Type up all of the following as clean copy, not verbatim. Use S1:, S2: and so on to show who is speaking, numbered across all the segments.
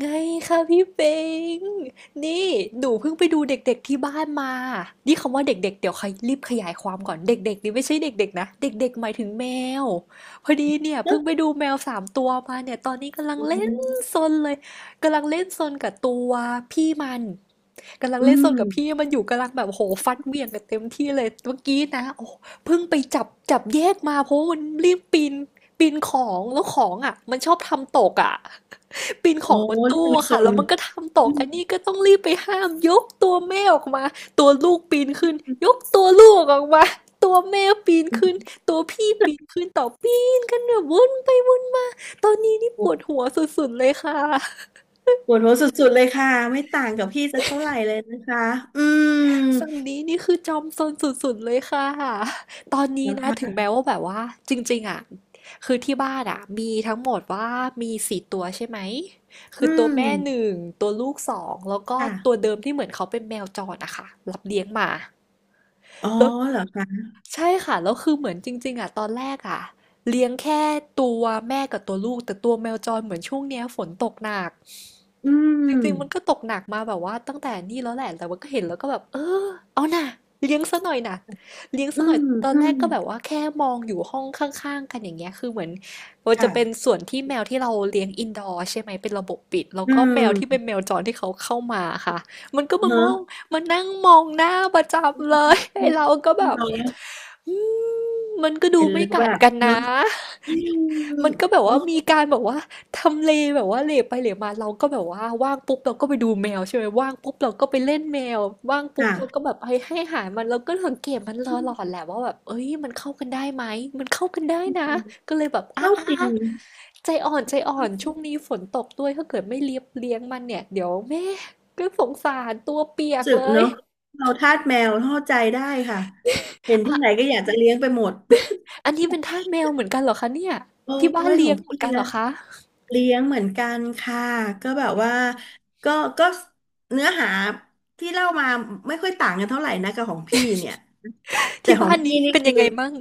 S1: ไงคะพี่เป็งนี่หนูเพิ่งไปดูเด็กๆที่บ้านมา นี่คำว่าเด็กๆเดี๋ยวใครรีบขยายความก่อนเด็กๆนี่ไม่ใช่เด็กๆนะเด็กๆหมายถึงแมวพอดีเนี่ย
S2: เน
S1: เพิ่
S2: อะ
S1: งไปดูแมวสามตัวมาเนี่ยตอนนี้กำลัง
S2: อื
S1: เล่นซ
S2: ม
S1: นเลย กำลังเล่นซนกับตัวพี่มัน กำลัง
S2: อื
S1: เล่นสนกับพี่
S2: ม
S1: มันอยู่กำลังแบบโหฟัดเหวี่ยงกันเต็มที่เลยเมื่อกี้นะโอ้เพิ่งไปจับแยกมาเพราะว่ามันรีบปีนของแล้วของอ่ะมันชอบทำตกอ่ะ ปีนข
S2: โอ้
S1: องบน
S2: เรื่
S1: ตู้
S2: อง
S1: อะ
S2: ส
S1: ค่ะ
S2: น
S1: แล้วมันก็ทำต
S2: อื
S1: ก
S2: ม
S1: อันนี้ก็ต้องรีบไปห้ามยกตัวแม่ออกมาตัวลูกปีนขึ้นยกตัวลูกออกมาตัวแม่ปีน
S2: อื
S1: ขึ้น
S2: ม
S1: ตัวพี่ปีนขึ้นต่อปีนกันแบบวนไปวนมาตอนนี้นี่
S2: ป
S1: ป
S2: วด
S1: วดหัวสุดๆเลยค่ะ
S2: ปวดหัวสุดๆเลยค่ะ ไม่ต่างกับพี่จะเท่าไหร่เลยนะคะอืม
S1: ฝั่งนี้นี่คือจอมซนสุดๆเลยค่ะ ตอนนี้
S2: นะ
S1: นะถึง
S2: คะ
S1: แม้ว่าแบบว่าจริงๆอ่ะคือที่บ้านอ่ะมีทั้งหมดว่ามีสี่ตัวใช่ไหมคื
S2: อื
S1: อตัวแม่ห
S2: ม
S1: นึ่งตัวลูกสองแล้วก็ตัว
S2: ค่ะ
S1: เดิมที่เหมือนเขาเป็นแมวจรอะค่ะรับเลี้ยงมา
S2: อ๋อ
S1: แล้ว
S2: เหรอคะ
S1: ใช่ค่ะแล้วคือเหมือนจริงๆอ่ะตอนแรกอ่ะเลี้ยงแค่ตัวแม่กับตัวลูกแต่ตัวแมวจรเหมือนช่วงเนี้ยฝนตกหนัก
S2: อื
S1: จ
S2: ม
S1: ริงๆมันก็ตกหนักมาแบบว่าตั้งแต่นี่แล้วแหละแต่ว่าก็เห็นแล้วก็แบบเออเอาน่ะเลี้ยงซะหน่อยน่ะเลี้ยง
S2: อื
S1: ซะหน่อ
S2: ม
S1: ยตอน
S2: อื
S1: แร
S2: ม
S1: กก็แบบว่าแค่มองอยู่ห้องข้างๆกันอย่างเงี้ยคือเหมือนมันจะเป็น
S2: ค่ะ
S1: ส่วนที่แมวที่เราเลี้ยงอินดอร์ใช่ไหมเป็นระบบปิดแล้ว
S2: อื
S1: ก็แมวที่เป็น
S2: ม
S1: แมวจรที่เขาเข้ามาค่ะมันก็มา
S2: เน
S1: ม
S2: อะ
S1: องมานั่งมองหน้าประจำเลยไอ้เราก็แบบ
S2: เรา
S1: อืมมันก็ดู
S2: เห็น
S1: ไม่
S2: แล้วแบ
S1: กัด
S2: บ
S1: กัน
S2: เนอะ
S1: นะ
S2: อืม
S1: มันก็แบบ
S2: โอ้
S1: ว่ามีการแบบว่าทำเลแบบว่าเหลไปเหลมาเราก็แบบว่าว่างปุ๊บเราก็ไปดูแมวใช่ไหมว่างปุ๊บเราก็ไปเล่นแมวว่างปุ๊บ
S2: ค่ะ
S1: เราก็แบบให้อาหารมันเราก็สังเกตมันตลอดแหละว่าแบบเอ้ยมันเข้ากันได้ไหมมันเข้ากันได้นะก็เลยแบบอ่ะ
S2: ก็
S1: อ่ะ
S2: จริ
S1: อ่ะ
S2: ง
S1: ใจอ่อนใจอ่อนช่วงนี้ฝนตกด้วยถ้าเกิดไม่เลี้ยงมันเนี่ยเดี๋ยวแม่ก็สงสารตัวเปียก
S2: สึก
S1: เลย
S2: เนาะเราทาสแมวเข้าใจได้ค่ะเห็นที่ไหน
S1: อ่ะ
S2: ก็อยากจะเลี้ยงไปหมด
S1: อันนี้เป็นทาสแมวเหมือนกันเหรอคะเนี่ย
S2: โอ้
S1: ที่บ้าน
S2: ยข
S1: เลี้
S2: อ
S1: ย
S2: ง
S1: งเหมือ
S2: พี่
S1: นกันเหร
S2: นะ
S1: อคะ
S2: เลี้ยงเหมือนกันค่ะก็แบบว่าก็ก็เนื้อหาที่เล่ามาไม่ค่อยต่างกันเท่าไหร่นะกับของพี่เนี่ยแต่
S1: ที่
S2: ขอ
S1: บ้า
S2: ง
S1: น
S2: พี่
S1: นี้
S2: นี่
S1: เป็น
S2: คือ
S1: ยังไงมั่ง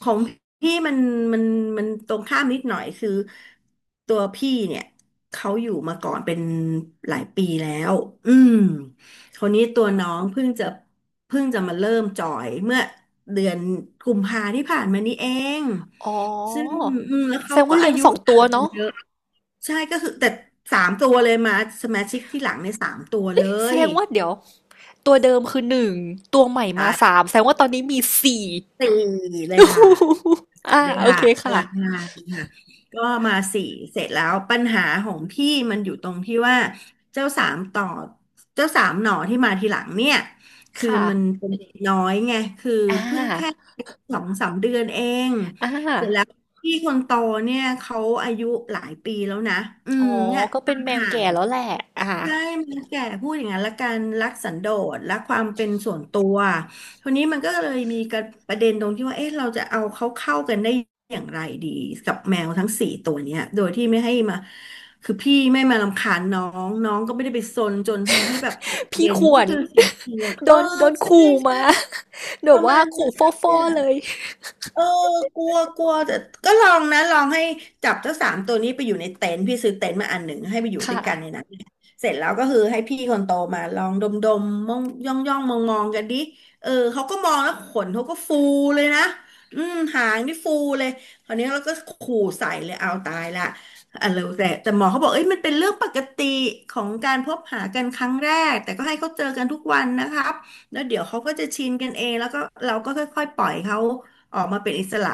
S2: ของพี่มันมันตรงข้ามนิดหน่อยคือตัวพี่เนี่ยเขาอยู่มาก่อนเป็นหลายปีแล้วอืมคนนี้ตัวน้องเพิ่งจะมาเริ่มจอยเมื่อเดือนกุมภาที่ผ่านมานี้เอง
S1: อ๋อ
S2: ซึ่งอืมแล้ว
S1: แส
S2: เขา
S1: ดง
S2: ก็
S1: ว่า
S2: อา
S1: เลี้ยง
S2: ยุ
S1: สองตั
S2: ต่า
S1: ว
S2: งกัน
S1: เนาะ
S2: เยอะใช่ก็คือแต่สามตัวเลยมาสมาชิกที่หลังในยสามตัวเล
S1: แส
S2: ย
S1: ดงว่าเดี๋ยวตัวเดิมคือหนึ่งตัวใหม่มาสา
S2: ใช่
S1: มแสดงว่าตอนนี้มีสี่
S2: สี่เลยค่ะ
S1: อ่า
S2: เลย
S1: โอ
S2: ค่ะ
S1: เค
S2: พ
S1: ค่ะ
S2: ลังงานค่ะก็มาสี่เสร็จแล้วปัญหาของพี่มันอยู่ตรงที่ว่าเจ้าสามต่อเจ้าสามหน่อที่มาทีหลังเนี่ยคือ
S1: ค่ะ
S2: มันเป็นเด็กน้อยไงคือ
S1: อ่า
S2: เพิ่งแค่สองสามเดือนเอง
S1: อ่า
S2: เสร็จแล้วพี่คนโตเนี่ยเขาอายุหลายปีแล้วนะอื
S1: อ๋
S2: ม
S1: อ
S2: เนี่ย
S1: ก็
S2: ค
S1: เป็
S2: วา
S1: น
S2: ม
S1: แมว
S2: ห่าง
S1: แก่แล้วแหละอ่า
S2: ใช่มันแก่พูดอย่างนั้นละกันรักสันโดษรักความเป็นส่วนตัวทีนี้มันก็เลยมีกระประเด็นตรงที่ว่าเอ๊ะเราจะเอาเขาเข้ากันได้อย่างไรดีกับแมวทั้งสี่ตัวเนี้ยโดยที่ไม่ให้มาคือพี่ไม่มารำคาญน้องน้องก็ไม่ได้ไปซนจนทำให้แบบเกิดประ
S1: พี่
S2: เด่น
S1: คว
S2: นี่
S1: ร
S2: คือสิ่ง ที่ปวด
S1: โดนโดน
S2: ใช่
S1: ขู่
S2: ใช่
S1: มา แบ
S2: ป
S1: บ
S2: ระมา
S1: ว่า
S2: ณนั้น
S1: ขู่ฟ่อๆเลย
S2: เออกลัวกลัวแต่ก็ลองนะลองให้จับเจ้าสามตัวนี้ไปอยู่ในเต็นท์พี่ซื้อเต็นท์มาอันหนึ่งให้ไปอยู่ด้ว
S1: ค่ะ
S2: ยกันในนั้นเสร็จแล้วก็คือให้พี่คนโตมาลองดมดมมองย่องย่องมองมองๆกันดิเออเขาก็มองแล้วขนเขาก็ฟูเลยนะอืมหางนี่ฟูเลยคราวนี้เราก็ขู่ใส่เลยเอาตายละอะเรีแต่หมอเขาบอกเอ้ยมันเป็นเรื่องปกติของการพบหากันครั้งแรกแต่ก็ให้เขาเจอกันทุกวันนะครับแล้วเดี๋ยวเขาก็จะชินกันเองแล้วก็เราก็ค่อยๆปล่อยเขา ออกมาเป็นอิสระ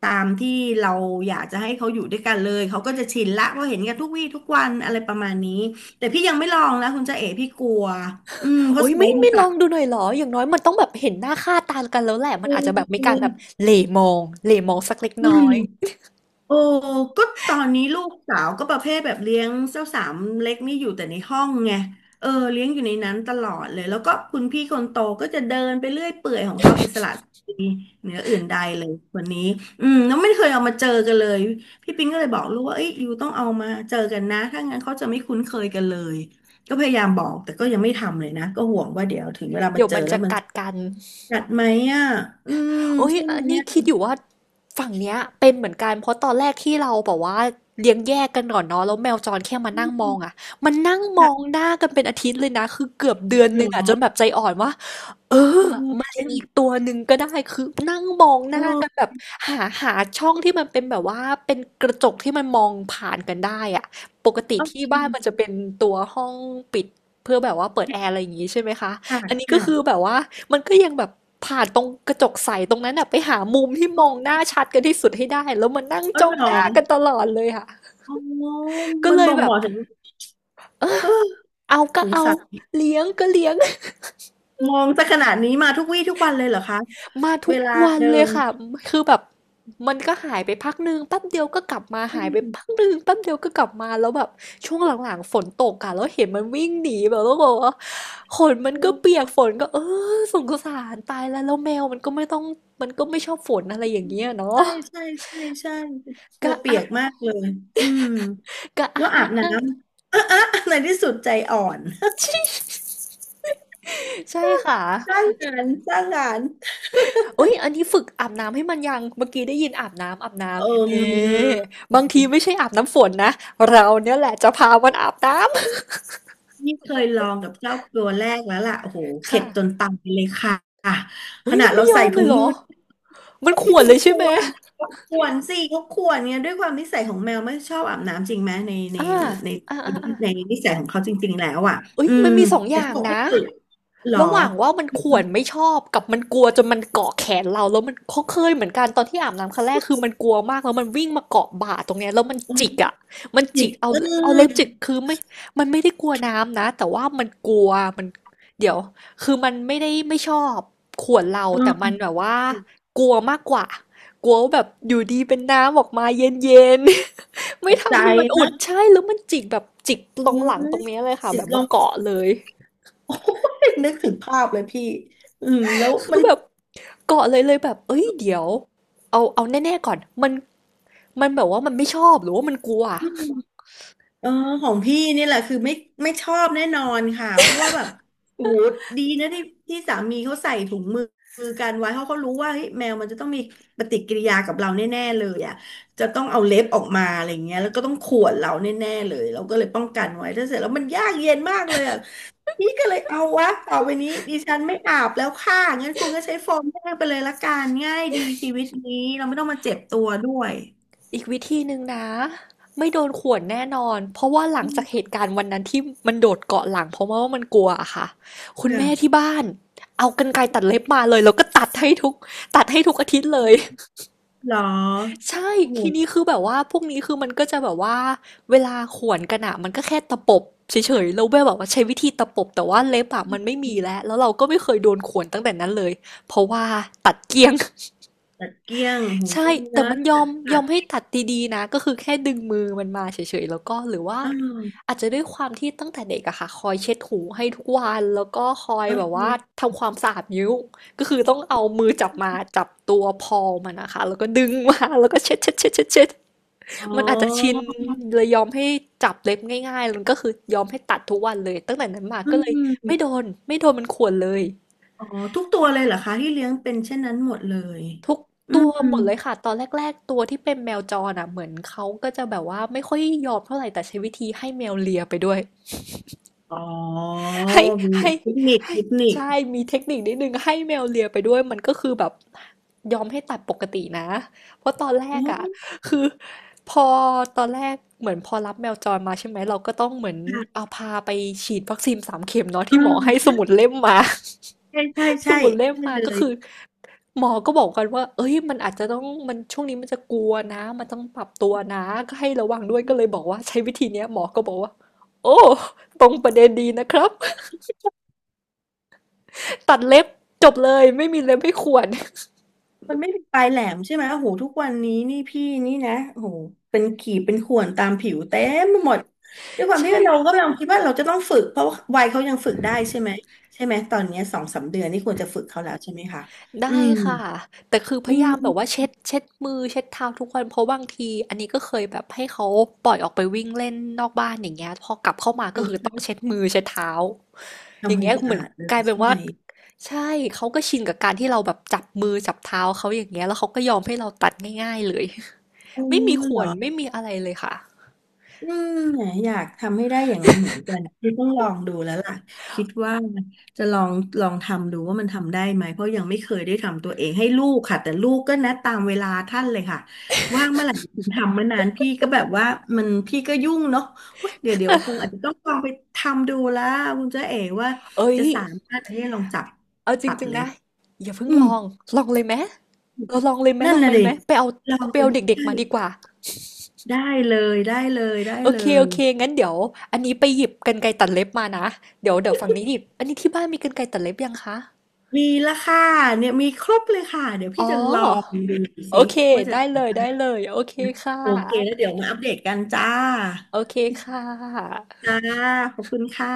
S2: ตามที่เราอยากจะให้เขาอยู่ด้วยกันเลยเขาก็จะชินละเพราะเห็นกันทุกวี่ทุกวันอะไรประมาณนี้แต่พี่ยังไม่ลองนะคุณจ๊ะเอ๋พี่กลัวอืมเพ
S1: โอ้
S2: ราะ
S1: ย
S2: ไซ
S1: ไม่
S2: ส์มัน
S1: ไม่ล
S2: ต่า
S1: อ
S2: ง
S1: งดูหน่อยเหรออย่างน้อยมันต้องแบบเห็นหน้าค่าตากันแล้วแหละมั
S2: อื
S1: นอาจ
S2: ม
S1: จะแบบมี
S2: อื
S1: การแบบ
S2: ม
S1: เหล่มองเหล่มองสักเล็ก
S2: อื
S1: น้อย
S2: มโอ้ก็ตอนนี้ลูกสาวก็ประเภทแบบเลี้ยงเจ้าสามเล็กนี่อยู่แต่ในห้องไงเออเลี้ยงอยู่ในนั้นตลอดเลยแล้วก็คุณพี่คนโตก็จะเดินไปเรื่อยเปื่อยของเขาอิสระ เหนืออื่นใดเลยวันนี้อืมแล้วไม่เคยเอามาเจอกันเลยพี่ปิงก็เลยบอกลูกว่าเอ้ยยูต้องเอามาเจอกันนะถ้างั้นเขาจะไม่คุ้นเคยกันเลยก็พยายามบอกแต่ก็ยังไม่ทำเลยนะก็ห่วงว่าเดี๋ยวถึงเวลามา
S1: เดี๋ยว
S2: เจอ
S1: มัน
S2: แล้ว
S1: จะ
S2: มัน
S1: กั
S2: จะ
S1: ดกัน
S2: กัดไหมอ่ะอืม
S1: โอ้ย
S2: ใช่ไหม
S1: อันนี้
S2: เนี่ย
S1: คิดอยู่ว่าฝั่งเนี้ยเป็นเหมือนกัน เพราะตอนแรกที่เราบอกว่าเลี้ยงแยกกันก่อนเนาะแล้วแมวจรแค่มา
S2: อื
S1: นั่งมอ
S2: ม
S1: งอ่ะมันนั่งมอง
S2: ค่ะ
S1: หน้ากันเป็นอาทิตย์เลยนะ คือเกือบเดือน
S2: ห
S1: ห
S2: ร
S1: นึงอ่ะจนแบ
S2: อ
S1: บใจอ่อนว่า เออ
S2: เออ
S1: มา
S2: เป
S1: เลี้ยงอีกตัวหนึ่งก็ได้คือนั่งมองหน้ากันแบ
S2: โอ
S1: บหาช่องที่มันเป็นแบบว่าเป็นกระจกที่มันมองผ่านกันได้อะปกติ
S2: โอ
S1: ที่
S2: เค
S1: บ้านมันจะเป็นตัวห้องปิดเพื่อแบบว่าเปิดแอร์อะไรอย่างงี้ใช่ไหมคะ
S2: ค่ะ
S1: อันนี้ก็คือ
S2: ค่ะ
S1: แบบว่ามันก็ยังแบบผ่านตรงกระจกใสตรงนั้นอะไปหามุมที่มองหน้า
S2: เ
S1: ชัดกันที่สุดให้ได้แล้วมันนั่ง
S2: ออ
S1: จ้อ
S2: เห
S1: ง
S2: ร
S1: หน้ากัน
S2: อ
S1: ตลอดเลยค่ะ
S2: อ๋อ
S1: ก็
S2: มัน
S1: เลย
S2: บ่ง
S1: แบ
S2: บ
S1: บ
S2: อกถึงเออ
S1: เอาก็
S2: สง
S1: เอา
S2: สัย
S1: เลี้ยงก็เลี้ยง
S2: มองจะขนาดนี้มาทุกวี่ทุกวันเลยเหรอคะ
S1: มา
S2: เว
S1: ทุก
S2: ลา
S1: วัน
S2: เดิ
S1: เลย
S2: ม
S1: ค่ะ คือแบบมันก็หายไปพักหนึ่งแป๊บเดียวก็กลับมาหายไปพักหนึ่งแป๊บเดียวก็กลับมาแล้วแบบช่วงหลังๆฝนตกอะแล้วเห็นมันวิ่งหนีแบบแล้วก็บอกว่าขนมั
S2: อื
S1: นก็เปีย
S2: ม
S1: กฝนก็เออสงสารตายแล้วแล้วแมวมันก็ไม่ต้องมันก็ไม่ชอบฝนอะไรอย่างเงี้ย
S2: ใช่
S1: เนาะ
S2: ใช่ใช่ใช่กลั
S1: ก็
S2: วเปี
S1: อะ
S2: ยกมากเลยอืม
S1: กะ
S2: แล้
S1: อะ
S2: วอา
S1: อะ
S2: บน้
S1: อะ
S2: ำ เออเออในที่สุดใจอ่อน
S1: ใช่ค่ะ
S2: สร้างงานสร้างงาน
S1: เอ้ยอันนี้ฝึกอาบน้ำให้มันยังเมื่อกี้ได้ยินอาบน้ำอาบน้
S2: เอ
S1: ำเน่
S2: ม
S1: บางทีไม่ใช่อาบน้ำฝนนะเราเนี่ยแหละจะพามันอาบน้ำ
S2: นี่เคยลองกับเจ้าตัวแรกแล้วล่ะโอ้โหเข็
S1: ค่ะ
S2: ดจนตายเลยค่ะข
S1: เฮ้ย
S2: นา
S1: มั
S2: ด
S1: น
S2: เรา
S1: ไม่ย
S2: ใส่
S1: อมเล
S2: ถุ
S1: ย
S2: ง
S1: เหร
S2: มื
S1: อ
S2: อ
S1: มัน
S2: พี่
S1: ข่วน
S2: พิ
S1: เล
S2: ง
S1: ย
S2: ก
S1: ใช่ไหม
S2: วนกวนสิเขากวนเนี่ยด้วยความนิสัยของแมวไม่ชอบอาบน้ำจริงไหม
S1: อ่า
S2: ใน
S1: อ่าอ่าอ่า
S2: ในนิสัยของเขาจริงๆแล้วอ่ะ
S1: เอ้ย
S2: อื
S1: มั
S2: ม
S1: นมีสองอ
S2: แต่
S1: ย่า
S2: เขา
S1: ง
S2: บอกให้
S1: นะ
S2: ฝึกเหรอ
S1: ระหว่างว่ามันข่วนไม่ชอบกับมันกลัวจนมันเกาะแขนเราแล้วมันเขาเคยเหมือนกันตอนที่อาบน้ำครั้งแรกคือมันกลัวมากแล้วมันวิ่งมาเกาะบ่าตรงเนี้ยแล้วมันจิกอ่ะมัน
S2: จิ
S1: จิ
S2: ก
S1: กเอา
S2: เอ
S1: เอาเล็บจิ
S2: อ
S1: กคือไม่มันไม่ได้กลัวน้ำนะแต่ว่ามันกลัวมันเดี๋ยวคือมันไม่ได้ไม่ชอบข่วนเราแต่มั
S2: เออ
S1: นแบบว่ากลัวมากกว่ากลัวว่าแบบอยู่ดีเป็นน้ำออกมาเย็นๆ
S2: ต
S1: ไม่
S2: กใจ
S1: ทำให้มันอุ่
S2: นะ
S1: นใช่แล้วมันจิกแบบจิกตร
S2: อื
S1: ง
S2: ม
S1: หลังตรงเนี้ยเลยค่ะ
S2: จิ
S1: แบ
S2: ก
S1: บ
S2: ล
S1: มา
S2: ง
S1: เกาะเลย
S2: โอ้ยนึกถึงภาพเลยพี่อืมแล้ว
S1: คื
S2: มั
S1: อ
S2: น
S1: แบบ เกาอเลยแบบเอ้ยเดี๋ยวเอาแน่ๆก่อนมันแบบว่ามันไม่ชอบหรือว่ามันกลัว
S2: เออของพี่นี่แหละคือไม่ชอบแน่นอนค่ะเพราะว่าแบบโอ้โหดีนะที่สามีเขาใส่ถุงมือกันไว้เพราะเขารู้ว่าเฮ้ยแมวมันจะต้องมีปฏิกิริยากับเราแน่ๆเลยอ่ะจะต้องเอาเล็บออกมาอะไรเงี้ยแล้วก็ต้องข่วนเราแน่ๆเลยเราก็เลยป้องกันไว้ถ้าเสร็จแล้วมันยากเย็นมากเลยอ่ะนี่ก็เลยเอาวะต่อไปนี้ดิฉันไม่อาบแล้วค่ะงั้นคุณก็ใช้โฟมแห้งไปเลยละกันง่ายดีชีวิตนี้เราไม่ต้องมาเจ็บตัวด้วย
S1: อีกวิธีหนึ่งนะไม่โดนข่วนแน่นอนเพราะว่าหลัง
S2: อื
S1: จากเห
S2: ม
S1: ตุการณ์วันนั้นที่มันโดดเกาะหลังเพราะว่ามันกลัวอะค่ะคุณแม่
S2: ค่ะ
S1: ที่บ้านเอากรรไกรตัดเล็บมาเลยแล้วก็ตัดให้ทุกอาทิตย์เลย
S2: เหรอ
S1: ใช่
S2: โอ้โห
S1: ทีนี้คือแบบว่าพวกนี้คือมันก็จะแบบว่าเวลาข่วนกันอะมันก็แค่ตะปบเฉยๆแล้วแบบอกว่าใช้วิธีตะปบแต่ว่าเล็บอะมันไม่มีแล้วแล้วเราก็ไม่เคยโดนข่วนตั้งแต่นั้นเลยเพราะว่าตัดเกลี้ยง
S2: ตัดเกลี้ยงหู
S1: ใช่
S2: วิ่ง
S1: แต่
S2: นะ
S1: มันยอมย
S2: ตั
S1: อ
S2: ด
S1: มให้ตัดดีๆนะก็คือแค่ดึงมือมันมาเฉยๆแล้วก็หรือว่า
S2: อ้
S1: อาจจะด้วยความที่ตั้งแต่เด็กอะค่ะคอยเช็ดหูให้ทุกวันแล้วก็คอย
S2: เอ
S1: แบบว่า
S2: อ
S1: ทำความสะอาดนิ้วก็คือต้องเอามือจับมาจับตัวพอมันนะคะแล้วก็ดึงมาแล้วก็เช็ด
S2: อ๋
S1: มันอาจจะชิ
S2: อ
S1: นเลยยอมให้จับเล็บง่ายๆมันก็คือยอมให้ตัดทุกวันเลยตั้งแต่นั้นมา
S2: อื
S1: ก็เลยไม่โด
S2: ม
S1: นไม่โดนมันข่วนเลย
S2: อ๋อทุกตัวเลยเหรอคะที่เลี้ยงเป็นเช่นนั้นหมดเลย
S1: ทุก
S2: อื
S1: ตั
S2: ม
S1: วหมดเลยค่ะตอนแรกๆตัวที่เป็นแมวจรอ่ะเหมือนเขาก็จะแบบว่าไม่ค่อยยอมเท่าไหร่แต่ใช้วิธีให้แมวเลียไปด้วย
S2: อ๋อ
S1: ให้
S2: มี
S1: ให้
S2: เทคนิค
S1: ให้
S2: เทคนิค
S1: ใช่ มีเทคนิคนิดนึงให้แมวเลียไปด้วย มันก็คือแบบยอมให้ตัดปกตินะ เพราะตอนแร
S2: อ๋
S1: ก
S2: อ
S1: อ่ะคือพอตอนแรกเหมือนพอรับแมวจรมาใช่ไหมเราก็ต้องเหมือน
S2: ค่ะ
S1: เอาพาไปฉีดวัคซีนสามเข็มเนาะ
S2: เ
S1: ที่หมอให้ส
S2: ออ
S1: มุดเล่มมา
S2: ใช่ใช่
S1: ส
S2: ใช่
S1: มุดเล่ม
S2: ใช่ใช่
S1: มา
S2: เล
S1: ก็
S2: ย
S1: คือหมอก็บอกกันว่าเอ้ยมันอาจจะต้องมันช่วงนี้มันจะกลัวนะมันต้องปรับตัวนะก็ให้ระวังด้วยก็เลยบอกว่าใช้วิธีเนี้ยหมอก็บอกว่าโอ้ตรงประเด็นดีนะครับ ตัดเล็บจบเลยไม่มีเล็บให้ข่วน
S2: มันไม่มีปลายแหลมใช่ไหมโอ้โหทุกวันนี้นี่พี่นี่นะโอ้โหเป็นขีดเป็นข่วนตามผิวเต็มไปหมดด้วยค วามที่
S1: ใช่
S2: เรากกำลังคิดว่าเราจะต้องฝึก เพราะว่าวัยเขายังฝึกได้ใช่ไหมใช่ไหมตอนเนี้ยสองสามเดือนนี่ควรจะฝึกเขาแล้วใช่ไหมคะอื
S1: ได้
S2: ม
S1: ค่ะแต่คือพ
S2: อื
S1: ยายามแบบว่า
S2: ม
S1: เช็ดมือเช็ดเท้าทุกวันเพราะบางทีอันนี้ก็เคยแบบให้เขาปล่อยออกไปวิ่งเล่นนอกบ้านอย่างเงี้ยพอกลับเข้ามาก็คือต้องเช็ดมือเช็ดเท้าอย่า
S2: ทำค
S1: ง
S2: วา
S1: เงี้
S2: ม
S1: ย
S2: สะ
S1: เหมือน
S2: อาดเลย
S1: กลายเป็น
S2: ใช่
S1: ว่า
S2: ไหม
S1: ใช่เขาก็ชินกับการที่เราแบบจับมือจับเท้าเขาอย่างเงี้ยแล้วเขาก็ยอมให้เราตัดง่ายๆเลย
S2: โอ้
S1: ไม่มีข่
S2: เหร
S1: ว
S2: อ
S1: นไม่มีอะไรเลยค่ะ
S2: อืมอยากทำให้ได้อย่างนั้นเหมือนกันคือต้องลองดูแล้วล่ะคิดว่าจะลองทำดูว่ามันทำได้ไหมเพราะยังไม่เคยได้ทำตัวเองให้ลูกค่ะแต่ลูกก็นัดตามเวลาท่านเลยค่ะว่างเมื่อไหร่ทำเมื่อนานพี่ก็แบบว่ามันพี่ก็ยุ่งเนาะเว้ยเดี๋ยวคงอาจจะต้องลองไปทำดูแล้วคุณเจ๊เอ๋ว่า
S1: เอ้ย
S2: จะสามารถอันนี้ลองจับ
S1: เอาจ
S2: ตัด
S1: ริงๆ
S2: เล็
S1: นะ
S2: บ
S1: อย่าเพิ่ง
S2: อืม
S1: ลองลองเลยไหม เราลองเลยไหม
S2: นั่
S1: ล
S2: น
S1: อง
S2: น่ะ
S1: เป็น
S2: ดิ
S1: ไหมไปเอา
S2: ลอง
S1: เอาไป
S2: เล
S1: เอาเด็ก
S2: ย
S1: ๆมาดีกว่า
S2: ได้ได้
S1: โอ
S2: เล
S1: เคโอ
S2: ย
S1: เคงั้นเดี๋ยวอันนี้ไปหยิบกรรไกรตัดเล็บมานะเดี๋ยวเดี๋ยวฝั่งนี้หยิบอันนี้ที่บ้านมีกรรไกรตัดเล็บยังคะ
S2: มีละค่ะเนี่ยมีครบเลยค่ะเดี๋ยว
S1: อ๋อ
S2: พี่จะลองดู
S1: โอ
S2: สิ
S1: เค
S2: ว่าจะ
S1: ได้เลยโอเคค่ะ
S2: โอเคแล้วเดี๋ยวมาอัปเดตกันจ้า
S1: โอเคค่ะ
S2: จ้าขอบคุณค่ะ